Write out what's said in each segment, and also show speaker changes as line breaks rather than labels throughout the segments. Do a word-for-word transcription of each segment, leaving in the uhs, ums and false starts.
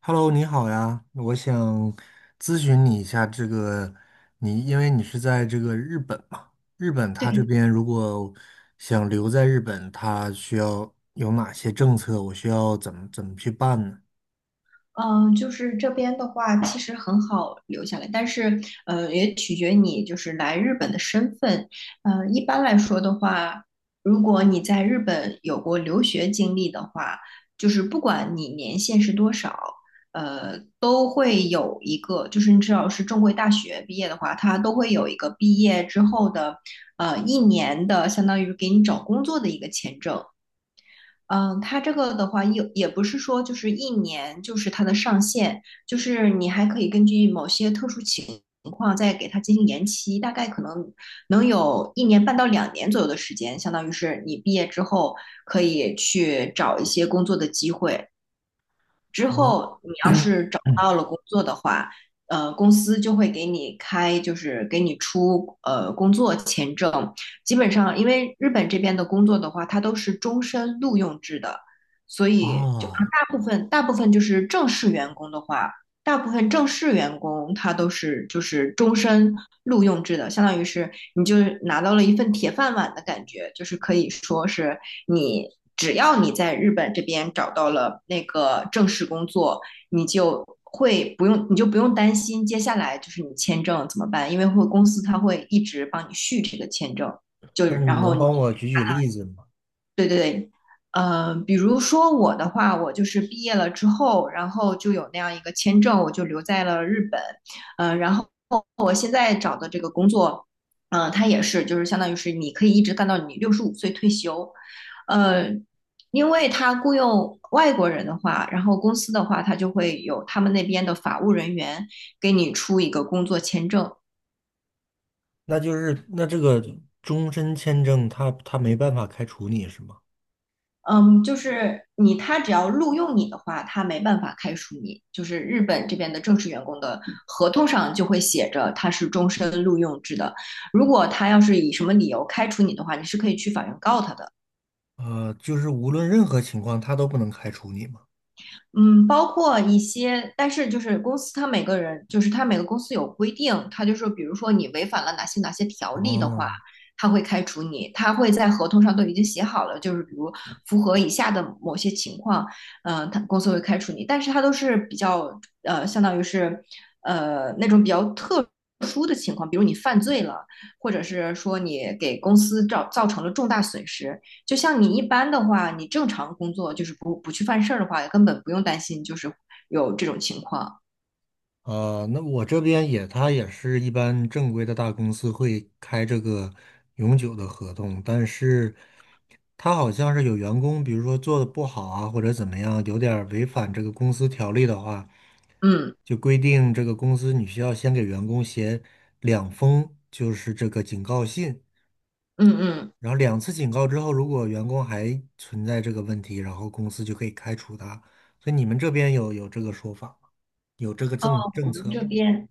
Hello，你好呀，我想咨询你一下这个，你因为你是在这个日本嘛，日本他这
对，
边如果想留在日本，他需要有哪些政策？我需要怎么怎么去办呢？
嗯、就是这边的话，其实很好留下来，但是，呃，也取决你就是来日本的身份。呃，一般来说的话，如果你在日本有过留学经历的话，就是不管你年限是多少，呃，都会有一个，就是你只要是正规大学毕业的话，它都会有一个毕业之后的，呃，一年的相当于给你找工作的一个签证。嗯，它这个的话也也不是说就是一年就是它的上限，就是你还可以根据某些特殊情况再给它进行延期，大概可能能有一年半到两年左右的时间，相当于是你毕业之后可以去找一些工作的机会。之
哦，
后你要是找
嗯
到了工作的话，呃，公司就会给你开，就是给你出呃工作签证。基本上，因为日本这边的工作的话，它都是终身录用制的，所 以就
啊，
大部分大部分就是正式员工的话，大部分正式员工他都是就是终身录用制的，相当于是你就拿到了一份铁饭碗的感觉，就是可以说是你只要你在日本这边找到了那个正式工作，你就会不用，你就不用担心接下来就是你签证怎么办，因为会公司他会一直帮你续这个签证，就
那
然
你
后
能
你
帮我举举例子吗？
对对对，呃，比如说我的话，我就是毕业了之后，然后就有那样一个签证，我就留在了日本，呃，然后我现在找的这个工作，嗯、呃，它也是就是相当于是你可以一直干到你六十五岁退休，呃，因为他雇佣外国人的话，然后公司的话，他就会有他们那边的法务人员给你出一个工作签证，
那就是那这个终身签证他他没办法开除你是吗？
嗯，就是你，他只要录用你的话，他没办法开除你。就是日本这边的正式员工的合同上就会写着他是终身录用制的。如果他要是以什么理由开除你的话，你是可以去法院告他的。
呃，就是无论任何情况，他都不能开除你吗？
嗯，包括一些，但是就是公司，它每个人就是它每个公司有规定，它就说，比如说你违反了哪些哪些条例的话，
哦。
它会开除你，它会在合同上都已经写好了，就是比如符合以下的某些情况，嗯、呃，它公司会开除你，但是他都是比较呃，相当于是呃那种比较特殊的情况，比如你犯罪了，或者是说你给公司造造成了重大损失，就像你一般的话，你正常工作就是不不去犯事儿的话，根本不用担心就是有这种情况。
呃，那我这边也，他也是一般正规的大公司会开这个永久的合同，但是他好像是有员工，比如说做的不好啊，或者怎么样，有点儿违反这个公司条例的话，
嗯
就规定这个公司你需要先给员工写两封，就是这个警告信，
嗯嗯，
然后两次警告之后，如果员工还存在这个问题，然后公司就可以开除他。所以你们这边有有这个说法吗？有这个政
我
政
们
策
这
吗？
边。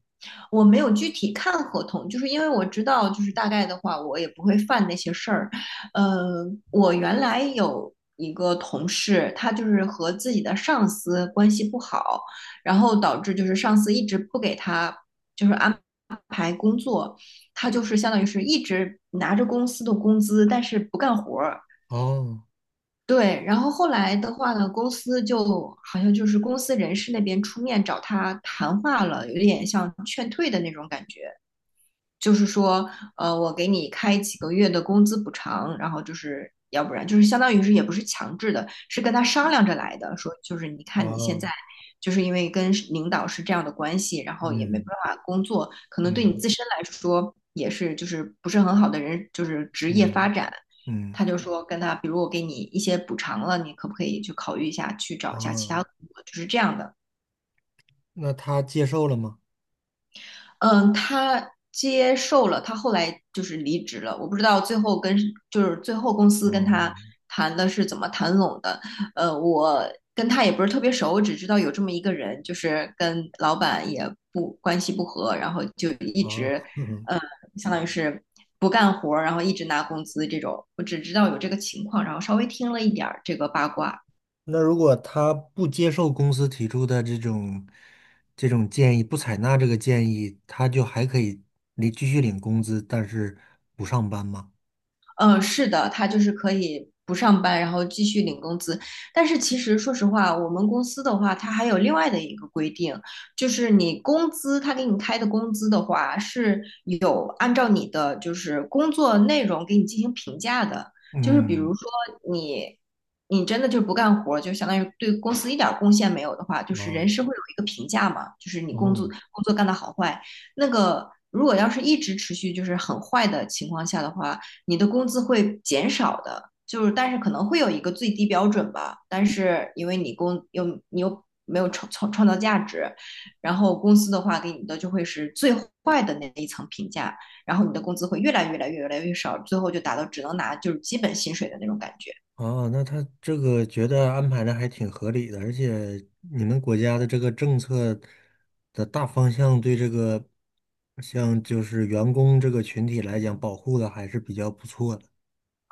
我没有具体看合同，就是因为我知道，就是大概的话，我也不会犯那些事儿。呃，我原来有一个同事，他就是和自己的上司关系不好，然后导致就是上司一直不给他就是安排工作，他就是相当于是一直拿着公司的工资，但是不干活儿。
哦。
对，然后后来的话呢，公司就好像就是公司人事那边出面找他谈话了，有点像劝退的那种感觉。就是说，呃，我给你开几个月的工资补偿，然后就是要不然就是相当于是也不是强制的，是跟他商量着来的，说就是你看你现在
哦，
就是因为跟领导是这样的关系，然后也没办
嗯
法工作，可能对你
嗯
自身来说也是就是不是很好的人，就是职业发
嗯
展。
嗯
他就说跟他，比如我给你一些补偿了，你可不可以去考虑一下，去找一下其
啊，
他工作，就是这样的。
那他接受了吗？
嗯，他接受了，他后来就是离职了。我不知道最后跟就是最后公司跟
哦
他谈的是怎么谈拢的。呃，我跟他也不是特别熟，我只知道有这么一个人，就是跟老板也不关系不和，然后就一
啊，
直
嗯，
呃，相当于是不干活儿，然后一直拿工资这种。我只知道有这个情况，然后稍微听了一点儿这个八卦。
那如果他不接受公司提出的这种这种建议，不采纳这个建议，他就还可以领继续领工资，但是不上班吗？
嗯，是的，他就是可以不上班，然后继续领工资。但是其实说实话，我们公司的话，它还有另外的一个规定，就是你工资，他给你开的工资的话，是有按照你的就是工作内容给你进行评价的。就是比如
嗯
说你，你真的就不干活儿，就相当于对公司一点儿贡献没有的话，就是
啊，
人事会有一个评价嘛，就是你工作
嗯
工作干的好坏。那个如果要是一直持续就是很坏的情况下的话，你的工资会减少的。就是但是可能会有一个最低标准吧，但是因为你工又你又没有创创创造价值，然后公司的话给你的就会是最坏的那一层评价，然后你的工资会越来越来越越来越少，最后就达到只能拿就是基本薪水的那种感觉。
哦，那他这个觉得安排的还挺合理的，而且你们国家的这个政策的大方向对这个，像就是员工这个群体来讲，保护的还是比较不错的。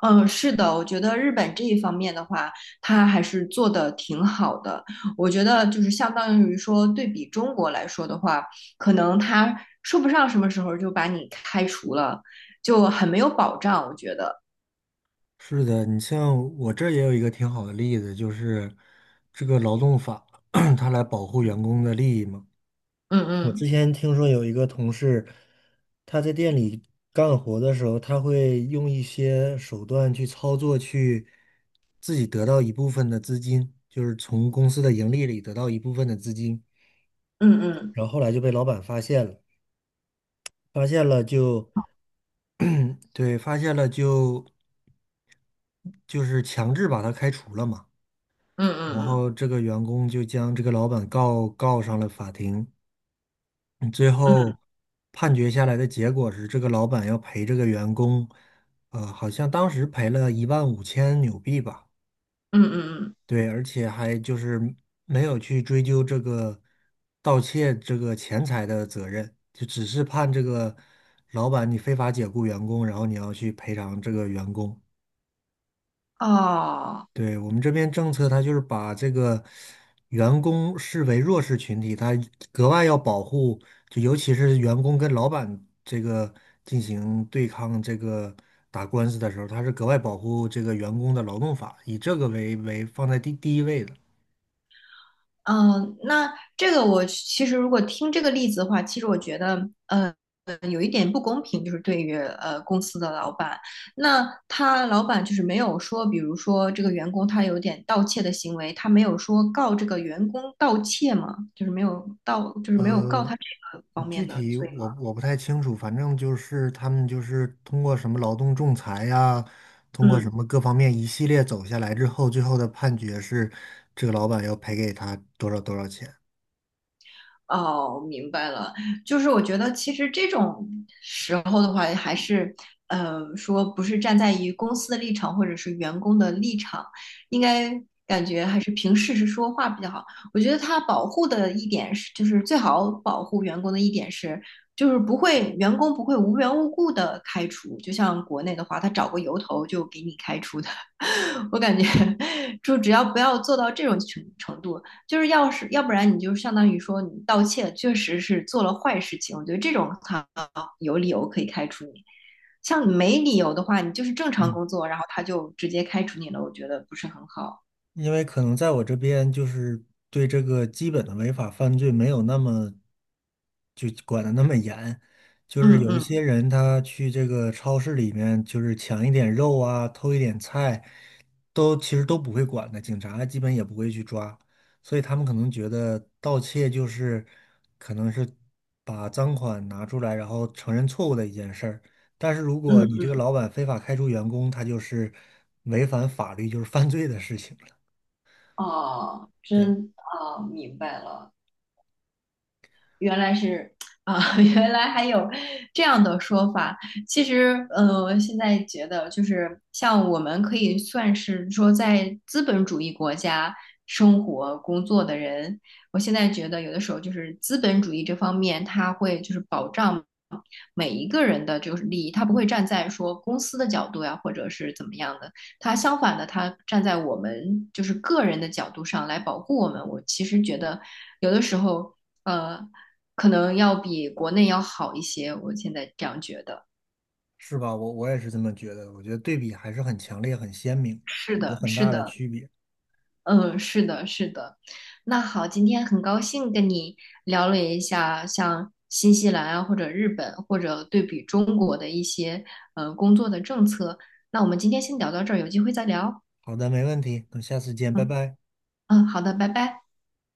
嗯，是的，我觉得日本这一方面的话，它还是做的挺好的。我觉得就是相当于说，对比中国来说的话，可能它说不上什么时候就把你开除了，就很没有保障。我觉得，
是的，你像我这儿也有一个挺好的例子，就是这个劳动法，它来保护员工的利益嘛。
嗯
我之
嗯
前听说有一个同事，他在店里干活的时候，他会用一些手段去操作，去自己得到一部分的资金，就是从公司的盈利里得到一部分的资金，
嗯嗯
然后后来就被老板发现了，发现了就，对，发现了就就是强制把他开除了嘛，
嗯
然
嗯
后这个员工就将这个老板告告上了法庭。嗯最
嗯，嗯
后判决下来的结果是，这个老板要赔这个员工，呃，好像当时赔了一万五千纽币吧。
嗯嗯嗯，
对，而且还就是没有去追究这个盗窃这个钱财的责任，就只是判这个老板你非法解雇员工，然后你要去赔偿这个员工。
哦。
对，我们这边政策，它就是把这个员工视为弱势群体，他格外要保护，就尤其是员工跟老板这个进行对抗、这个打官司的时候，他是格外保护这个员工的劳动法，以这个为为放在第第一位的。
嗯，那这个我其实如果听这个例子的话，其实我觉得，呃，有一点不公平，就是对于呃公司的老板，那他老板就是没有说，比如说这个员工他有点盗窃的行为，他没有说告这个员工盗窃吗？就是没有盗，就是没有告他
嗯。
这个方
具
面的
体
罪吗？
我我不太清楚，反正就是他们就是通过什么劳动仲裁呀，通过
嗯。
什么各方面一系列走下来之后，最后的判决是这个老板要赔给他多少多少钱。
哦，明白了，就是我觉得其实这种时候的话，还是呃说不是站在于公司的立场或者是员工的立场，应该感觉还是凭事实说话比较好。我觉得他保护的一点是，就是最好保护员工的一点是，就是不会员工不会无缘无故的开除，就像国内的话，他找个由头就给你开除的。我感觉 就只要不要做到这种程程度，就是要是要不然你就相当于说你盗窃确实是做了坏事情，我觉得这种他有理由可以开除你。像没理由的话，你就是正常工作，然后他就直接开除你了，我觉得不是很好。
因为可能在我这边就是对这个基本的违法犯罪没有那么就管的那么严，就是
嗯
有一些
嗯
人他去这个超市里面就是抢一点肉啊，偷一点菜，都其实都不会管的，警察基本也不会去抓，所以他们可能觉得盗窃就是可能是把赃款拿出来，然后承认错误的一件事儿。但是如果你这
嗯，
个老板非法开除员工，他就是违反法律，就是犯罪的事情。
哦，
对，
真哦，明白了。原来是啊、原来还有这样的说法。其实，呃，现在觉得就是像我们可以算是说在资本主义国家生活工作的人，我现在觉得有的时候就是资本主义这方面，他会就是保障。每一个人的就是利益，他不会站在说公司的角度呀，或者是怎么样的，他相反的，他站在我们就是个人的角度上来保护我们。我其实觉得有的时候，呃，可能要比国内要好一些，我现在这样觉得。
是吧？我我也是这么觉得，我觉得对比还是很强烈、很鲜明的，
是
有
的，
很
是
大的
的，
区别。
嗯，是的，是的。那好，今天很高兴跟你聊了一下像新西兰啊，或者日本，或者对比中国的一些呃工作的政策。那我们今天先聊到这儿，有机会再聊。
好的，没问题，等下次见，拜
嗯
拜。
嗯，好的，拜拜。